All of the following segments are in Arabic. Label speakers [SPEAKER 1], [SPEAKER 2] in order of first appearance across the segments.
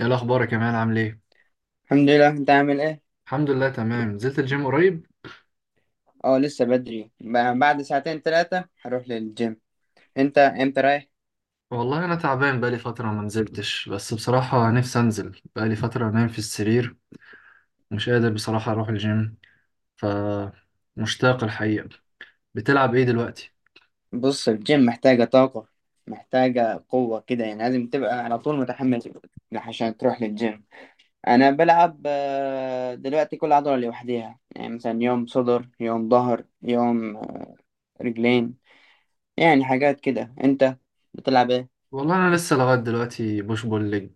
[SPEAKER 1] ايه الاخبار يا كمال؟ عامل ايه؟
[SPEAKER 2] الحمد لله. انت عامل ايه؟
[SPEAKER 1] الحمد لله، تمام. نزلت الجيم قريب؟
[SPEAKER 2] اه، لسه بدري. بعد ساعتين 3 هروح للجيم. انت امتى رايح؟
[SPEAKER 1] والله انا تعبان، بقالي فتره ما نزلتش، بس بصراحه نفسي انزل. بقالي فتره نايم في السرير، مش قادر بصراحه اروح الجيم. ف مشتاق الحقيقه. بتلعب ايه دلوقتي؟
[SPEAKER 2] بص، الجيم محتاجة طاقة، محتاجة قوة كده. يعني لازم تبقى على طول متحمس عشان تروح للجيم. انا بلعب دلوقتي كل عضلة لوحديها. يعني مثلا يوم صدر، يوم ظهر، يوم رجلين، يعني حاجات كده. انت بتلعب ايه؟
[SPEAKER 1] والله انا لسه لغايه دلوقتي بوش بول ليج.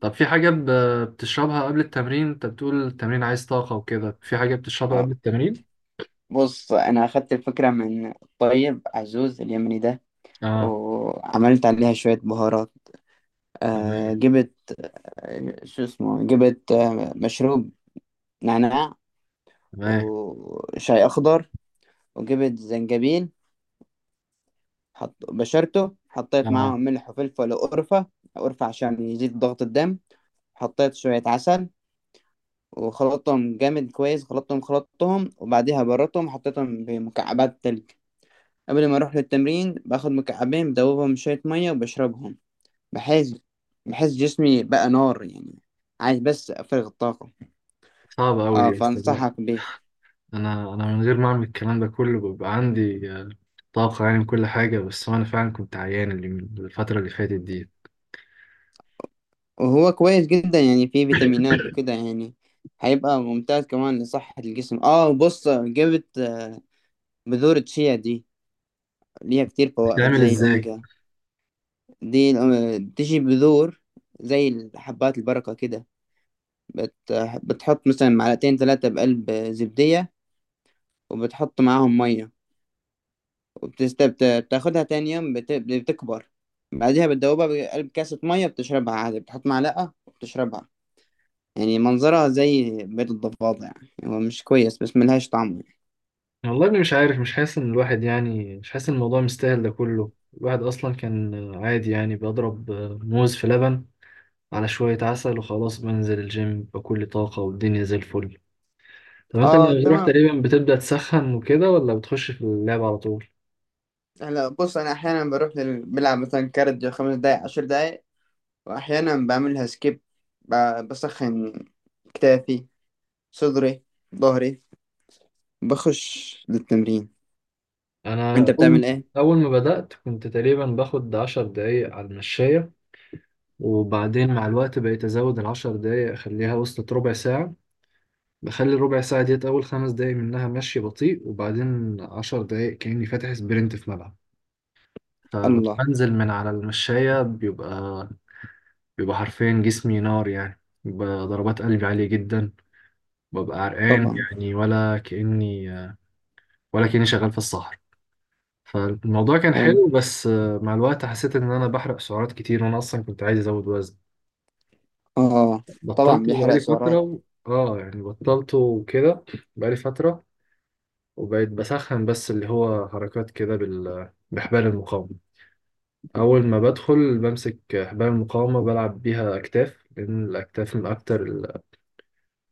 [SPEAKER 1] طب في حاجه بتشربها قبل التمرين؟ انت بتقول التمرين عايز طاقه وكده، في حاجه بتشربها قبل
[SPEAKER 2] اه،
[SPEAKER 1] التمرين؟
[SPEAKER 2] بص، انا اخدت الفكرة من الطيب عزوز اليمني ده،
[SPEAKER 1] اه.
[SPEAKER 2] وعملت عليها شوية بهارات. آه،
[SPEAKER 1] تمام.
[SPEAKER 2] جبت شو اسمه، جبت مشروب نعناع،
[SPEAKER 1] تمام.
[SPEAKER 2] وشاي أخضر، وجبت زنجبيل. حط بشرته، حطيت
[SPEAKER 1] اه.
[SPEAKER 2] معاهم ملح وفلفل وقرفة. قرفة عشان يزيد ضغط الدم. حطيت شوية عسل، وخلطتهم جامد كويس، خلطتهم، وبعديها بردتهم، حطيتهم بمكعبات تلج. قبل ما أروح للتمرين باخد مكعبين، بدوبهم شوية مية وبشربهم، بحيث بحيث جسمي بقى نار يعني. عايز بس أفرغ الطاقة.
[SPEAKER 1] صعبه قوي
[SPEAKER 2] اه،
[SPEAKER 1] دي بس.
[SPEAKER 2] فانصحك بيه.
[SPEAKER 1] انا من غير ما اعمل الكلام ده كله بيبقى عندي طاقة يعني من كل حاجة، بس انا فعلا كنت عيان اللي من الفترة اللي فاتت دي.
[SPEAKER 2] وهو كويس جدا، يعني فيه فيتامينات وكده، يعني هيبقى ممتاز كمان لصحة الجسم. اه، بص، جبت بذور الشيا دي، ليها كتير فوائد
[SPEAKER 1] بتتعمل
[SPEAKER 2] زي
[SPEAKER 1] ازاي؟
[SPEAKER 2] الأوميجا. دي بتيجي بذور زي حبات البركة كده. بت... بتحط مثلا معلقتين 3 بقلب زبدية، وبتحط معاهم مية، وبتست... بت- بتاخدها تاني يوم، بتكبر. بعدها بتدوبها بقلب كاسة مية، بتشربها عادي، بتحط معلقة وبتشربها. يعني منظرها زي بيض الضفادع يعني، هو مش كويس بس ملهاش طعم يعني.
[SPEAKER 1] والله اني مش عارف، مش حاسس ان الواحد يعني، مش حاسس ان الموضوع مستاهل ده كله. الواحد اصلا كان عادي يعني، بضرب موز في لبن على شوية عسل وخلاص، بنزل الجيم بكل طاقة والدنيا زي الفل. طب انت
[SPEAKER 2] اه،
[SPEAKER 1] لما بتروح
[SPEAKER 2] تمام.
[SPEAKER 1] تقريبا بتبدأ تسخن وكده ولا بتخش في اللعب على طول؟
[SPEAKER 2] هلا، بص، انا احيانا بروح بلعب مثلا كارديو 5 دقايق، 10 دقايق، واحيانا بعملها سكيب. ب... بسخن كتافي، صدري، ظهري، بخش للتمرين. انت
[SPEAKER 1] انا اول
[SPEAKER 2] بتعمل ايه؟
[SPEAKER 1] اول ما بدأت كنت تقريبا باخد 10 دقايق على المشاية، وبعدين مع الوقت بقيت أزود العشر دقايق أخليها، وصلت ربع ساعة. بخلي الربع ساعة ديت أول 5 دقايق منها مشي بطيء، وبعدين 10 دقايق كأني فاتح سبرنت في ملعب.
[SPEAKER 2] الله.
[SPEAKER 1] فبنزل من على المشاية، بيبقى حرفيا جسمي نار يعني، بيبقى ضربات قلبي عالية جدا، ببقى عرقان
[SPEAKER 2] طبعا.
[SPEAKER 1] يعني. ولا كأني شغال في الصحراء. فالموضوع كان
[SPEAKER 2] حلو.
[SPEAKER 1] حلو، بس مع الوقت حسيت إن أنا بحرق سعرات كتير وأنا أصلا كنت عايز أزود وزن.
[SPEAKER 2] اه، طبعا
[SPEAKER 1] بطلت
[SPEAKER 2] بيحرق
[SPEAKER 1] بقالي فترة
[SPEAKER 2] سعرات.
[SPEAKER 1] اه يعني بطلته وكده، بقالي فترة. وبقيت بسخن بس اللي هو حركات كده بحبال المقاومة. أول ما بدخل بمسك حبال المقاومة بلعب بيها أكتاف، لأن الأكتاف من أكتر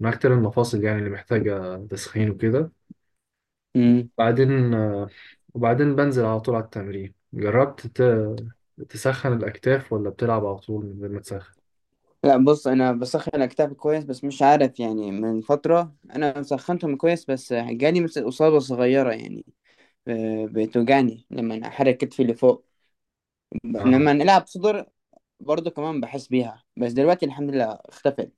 [SPEAKER 1] من أكتر المفاصل يعني اللي محتاجة تسخين وكده.
[SPEAKER 2] امم
[SPEAKER 1] بعدين وبعدين بنزل على طول على التمرين. جربت تسخن الأكتاف ولا بتلعب على طول من غير ما تسخن؟
[SPEAKER 2] لا، بص، انا بسخن كتافي كويس، بس مش عارف يعني من فترة، انا سخنتهم كويس بس جالي مثل اصابة صغيرة يعني. بتوجعني لما أنا احرك كتفي اللي فوق.
[SPEAKER 1] اه.
[SPEAKER 2] لما نلعب صدر برضو كمان بحس بيها، بس دلوقتي الحمد لله اختفت.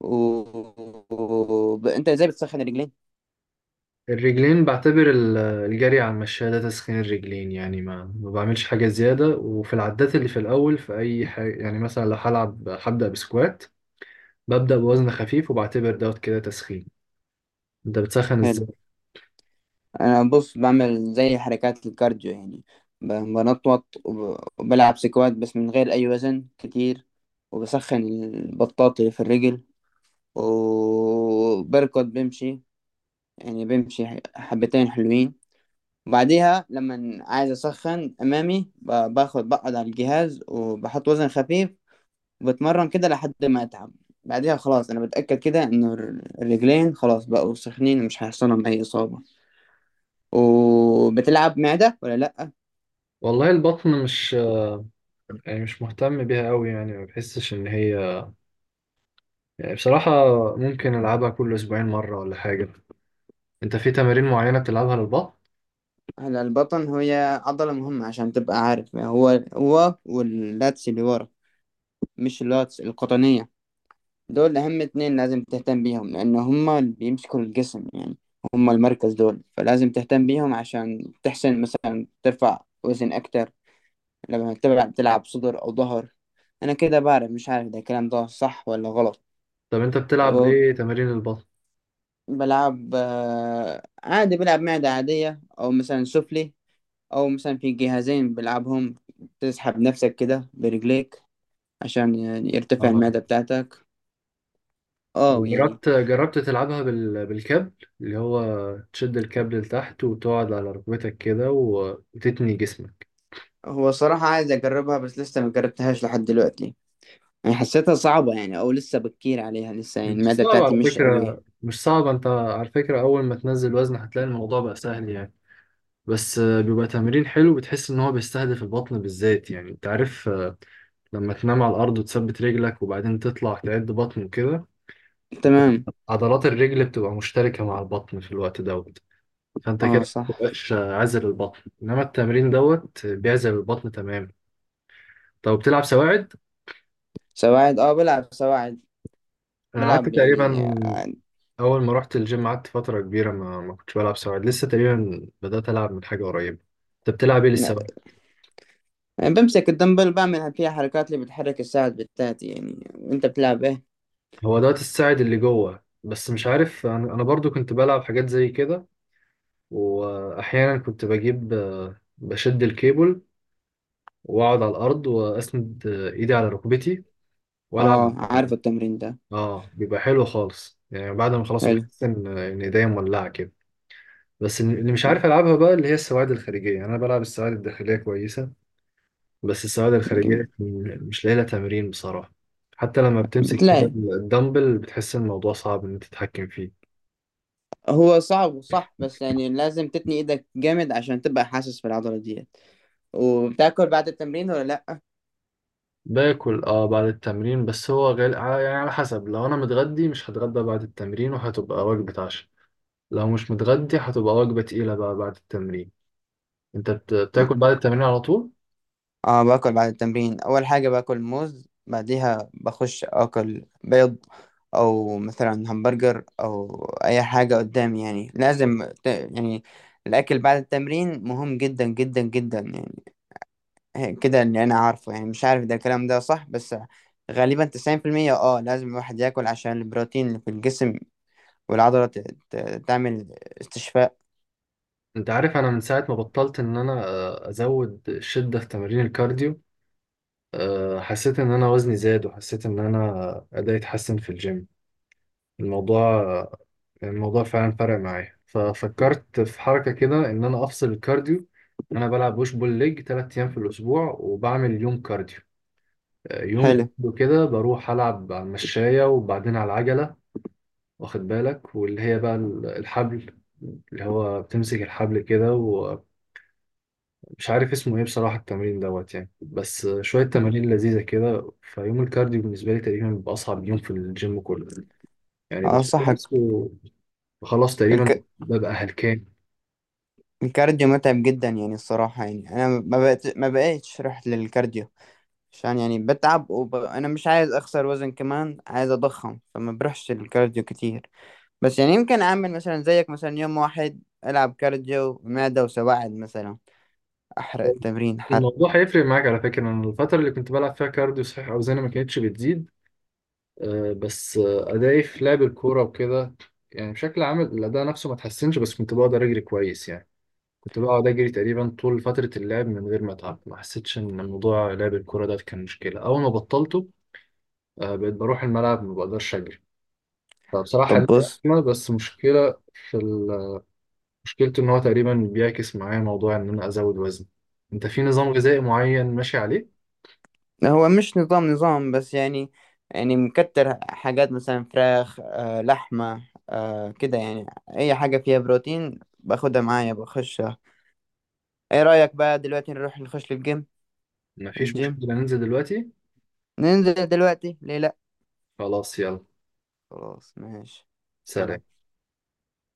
[SPEAKER 2] و... انت ازاي بتسخن الرجلين؟
[SPEAKER 1] الرجلين بعتبر الجري على المشاية ده تسخين الرجلين يعني، ما بعملش حاجة زيادة، وفي العدات اللي في الأول في أي حاجة. يعني مثلا لو هلعب هبدأ بسكوات، ببدأ بوزن خفيف وبعتبر دوت كده تسخين. أنت بتسخن
[SPEAKER 2] حلو.
[SPEAKER 1] إزاي؟
[SPEAKER 2] انا بص بعمل زي حركات الكارديو يعني، بنطوط وب- وبلعب سكوات بس من غير اي وزن كتير، وبسخن البطاط اللي في الرجل، وبركض بمشي، يعني بمشي حبتين حلوين. وبعديها لما عايز أسخن أمامي، باخد بقعد على الجهاز وبحط وزن خفيف، وبتمرن كده لحد ما أتعب. بعديها خلاص أنا بتأكد كده إنه الرجلين خلاص بقوا سخنين، ومش هيحصلهم أي إصابة. وبتلعب معدة ولا لأ؟
[SPEAKER 1] والله البطن مش، يعني مش مهتم بيها أوي، يعني ما بحسش إن هي، يعني بصراحة ممكن ألعبها كل أسبوعين مرة ولا حاجة. أنت في تمارين معينة بتلعبها للبطن؟
[SPEAKER 2] هلا، البطن هي عضلة مهمة. عشان تبقى عارف، هو هو واللاتس اللي ورا، مش اللاتس القطنية. دول أهم 2 لازم تهتم بيهم، لأن هما اللي بيمسكوا الجسم يعني، هما المركز دول. فلازم تهتم بيهم عشان تحسن مثلا ترفع وزن أكتر لما تلعب صدر أو ظهر. أنا كده بعرف، مش عارف ده الكلام ده صح ولا غلط.
[SPEAKER 1] طب أنت بتلعب بإيه تمارين البطن؟
[SPEAKER 2] بلعب، عادي بلعب معدة عادية، أو مثلا سفلي، أو مثلا في جهازين بلعبهم. تسحب نفسك كده برجليك عشان يعني يرتفع المعدة بتاعتك،
[SPEAKER 1] طب
[SPEAKER 2] اه يعني.
[SPEAKER 1] جربت تلعبها بالكابل، اللي هو تشد الكابل لتحت وتقعد على ركبتك كده وتتني جسمك.
[SPEAKER 2] هو صراحة عايز أجربها بس لسه ما جربتهاش لحد دلوقتي. يعني حسيتها صعبة يعني، أو لسه بكير عليها لسه، يعني
[SPEAKER 1] مش
[SPEAKER 2] المعدة
[SPEAKER 1] صعب
[SPEAKER 2] بتاعتي
[SPEAKER 1] على
[SPEAKER 2] مش قوية.
[SPEAKER 1] فكرة، مش صعب. انت على فكرة اول ما تنزل وزن هتلاقي الموضوع بقى سهل يعني، بس بيبقى تمرين حلو، بتحس ان هو بيستهدف البطن بالذات. يعني انت عارف لما تنام على الارض وتثبت رجلك وبعدين تطلع تعد بطن وكده،
[SPEAKER 2] تمام.
[SPEAKER 1] عضلات الرجل بتبقى مشتركة مع البطن في الوقت دوت، فانت
[SPEAKER 2] اه،
[SPEAKER 1] كده
[SPEAKER 2] صح.
[SPEAKER 1] مبقاش عازل البطن، انما التمرين دوت بيعزل البطن تماما. طب بتلعب سواعد؟
[SPEAKER 2] سواعد؟ اه، بلعب سواعد،
[SPEAKER 1] انا قعدت
[SPEAKER 2] بلعب
[SPEAKER 1] تقريبا
[SPEAKER 2] يعني
[SPEAKER 1] اول ما رحت الجيم قعدت فتره كبيره ما كنتش بلعب سواعد، لسه تقريبا بدات العب من حاجه قريبه. انت بتلعب ايه
[SPEAKER 2] لا.
[SPEAKER 1] للسواعد؟
[SPEAKER 2] يعني بمسك الدمبل، بعمل فيها حركات اللي بتحرك الساعد بتاعتي. يعني انت بتلعب ايه؟
[SPEAKER 1] هو دوت الساعد اللي جوه، بس مش عارف. انا برضو كنت بلعب حاجات زي كده، واحيانا كنت بجيب بشد الكيبل واقعد على الارض، واسند ايدي على ركبتي والعب.
[SPEAKER 2] اه، عارف التمرين ده.
[SPEAKER 1] اه بيبقى حلو خالص يعني، بعد ما خلاص
[SPEAKER 2] حلو،
[SPEAKER 1] بحس ان ايديا مولعه كده. بس اللي مش
[SPEAKER 2] حلو.
[SPEAKER 1] عارف العبها بقى اللي هي السواعد الخارجيه، يعني انا بلعب السواعد الداخليه كويسه، بس السواعد
[SPEAKER 2] جميل.
[SPEAKER 1] الخارجيه مش لاقي لها تمرين بصراحه. حتى لما بتمسك كده
[SPEAKER 2] بتلاقي،
[SPEAKER 1] الدمبل بتحس ان الموضوع صعب ان انت تتحكم فيه.
[SPEAKER 2] هو صعب وصح، بس يعني لازم تتني ايدك جامد عشان تبقى حاسس بالعضلة ديت. وبتاكل بعد التمرين ولا لا؟
[SPEAKER 1] باكل اه بعد التمرين، بس هو يعني على حسب، لو انا متغدي مش هتغدى بعد التمرين وهتبقى وجبه عشاء، لو مش متغدي هتبقى وجبه تقيله بقى بعد التمرين. انت بتاكل بعد التمرين على طول؟
[SPEAKER 2] اه، باكل بعد التمرين، اول حاجه باكل موز، بعديها بخش اكل بيض، او مثلا همبرجر، او اي حاجه قدامي. يعني لازم يعني الاكل بعد التمرين مهم جدا جدا جدا يعني. كده اللي انا عارفه، يعني مش عارف ده الكلام ده صح، بس غالبا 90%. اه، لازم الواحد ياكل عشان البروتين اللي في الجسم، والعضله تعمل استشفاء.
[SPEAKER 1] انت عارف انا من ساعه ما بطلت ان انا ازود الشده في تمارين الكارديو، حسيت ان انا وزني زاد وحسيت ان انا ادائي اتحسن في الجيم. الموضوع الموضوع فعلا فرق معايا، ففكرت في حركة كده ان انا افصل الكارديو. انا بلعب بوش بول ليج 3 ايام في الاسبوع وبعمل يوم كارديو، يوم
[SPEAKER 2] حلو.
[SPEAKER 1] كده بروح العب على المشاية وبعدين على العجلة، واخد بالك واللي هي بقى الحبل، اللي هو بتمسك الحبل كده، مش عارف اسمه ايه بصراحة التمرين دوت يعني، بس شوية تمارين لذيذة كده. فيوم الكارديو بالنسبة لي تقريبا بيبقى أصعب يوم في الجيم كله. يعني
[SPEAKER 2] اه،
[SPEAKER 1] بخلص
[SPEAKER 2] صحك.
[SPEAKER 1] بخلص تقريبا ببقى هلكان.
[SPEAKER 2] الكارديو متعب جدا يعني الصراحة. يعني أنا ما بقيتش رحت للكارديو، عشان يعني بتعب. أنا مش عايز أخسر وزن، كمان عايز أضخم، فما بروحش للكارديو كتير. بس يعني يمكن أعمل مثلا زيك، مثلا يوم واحد ألعب كارديو، معدة وسواعد مثلا، أحرق التمرين حرق.
[SPEAKER 1] الموضوع هيفرق معاك على فكرة، أنا الفترة اللي كنت بلعب فيها كارديو صحيح أوزاني ما كانتش بتزيد، بس أدائي في لعب الكورة وكده يعني بشكل عام الأداء نفسه ما اتحسنش، بس كنت بقدر أجري كويس يعني. كنت بقعد أجري تقريبا طول فترة اللعب من غير ما أتعب، ما حسيتش إن موضوع لعب الكورة ده كان مشكلة. أول ما بطلته بقيت بروح الملعب ما بقدرش أجري. فبصراحة
[SPEAKER 2] طب
[SPEAKER 1] ليه
[SPEAKER 2] بص،
[SPEAKER 1] أزمة، بس مشكلة في مشكلته إن هو تقريبا بيعكس معايا موضوع إن أنا أزود وزن. أنت في نظام غذائي معين ماشي عليه؟
[SPEAKER 2] هو مش نظام، بس يعني، يعني مكتر حاجات مثلا فراخ، لحمة، كده يعني، أي حاجة فيها بروتين باخدها معايا بخش. ايه رأيك بقى دلوقتي نروح نخش للجيم؟
[SPEAKER 1] مفيش
[SPEAKER 2] الجيم،
[SPEAKER 1] مشكلة ننزل دلوقتي.
[SPEAKER 2] ننزل دلوقتي، ليه لا؟
[SPEAKER 1] خلاص، يلا.
[SPEAKER 2] خلاص ماشي.
[SPEAKER 1] سلام.
[SPEAKER 2] سلام.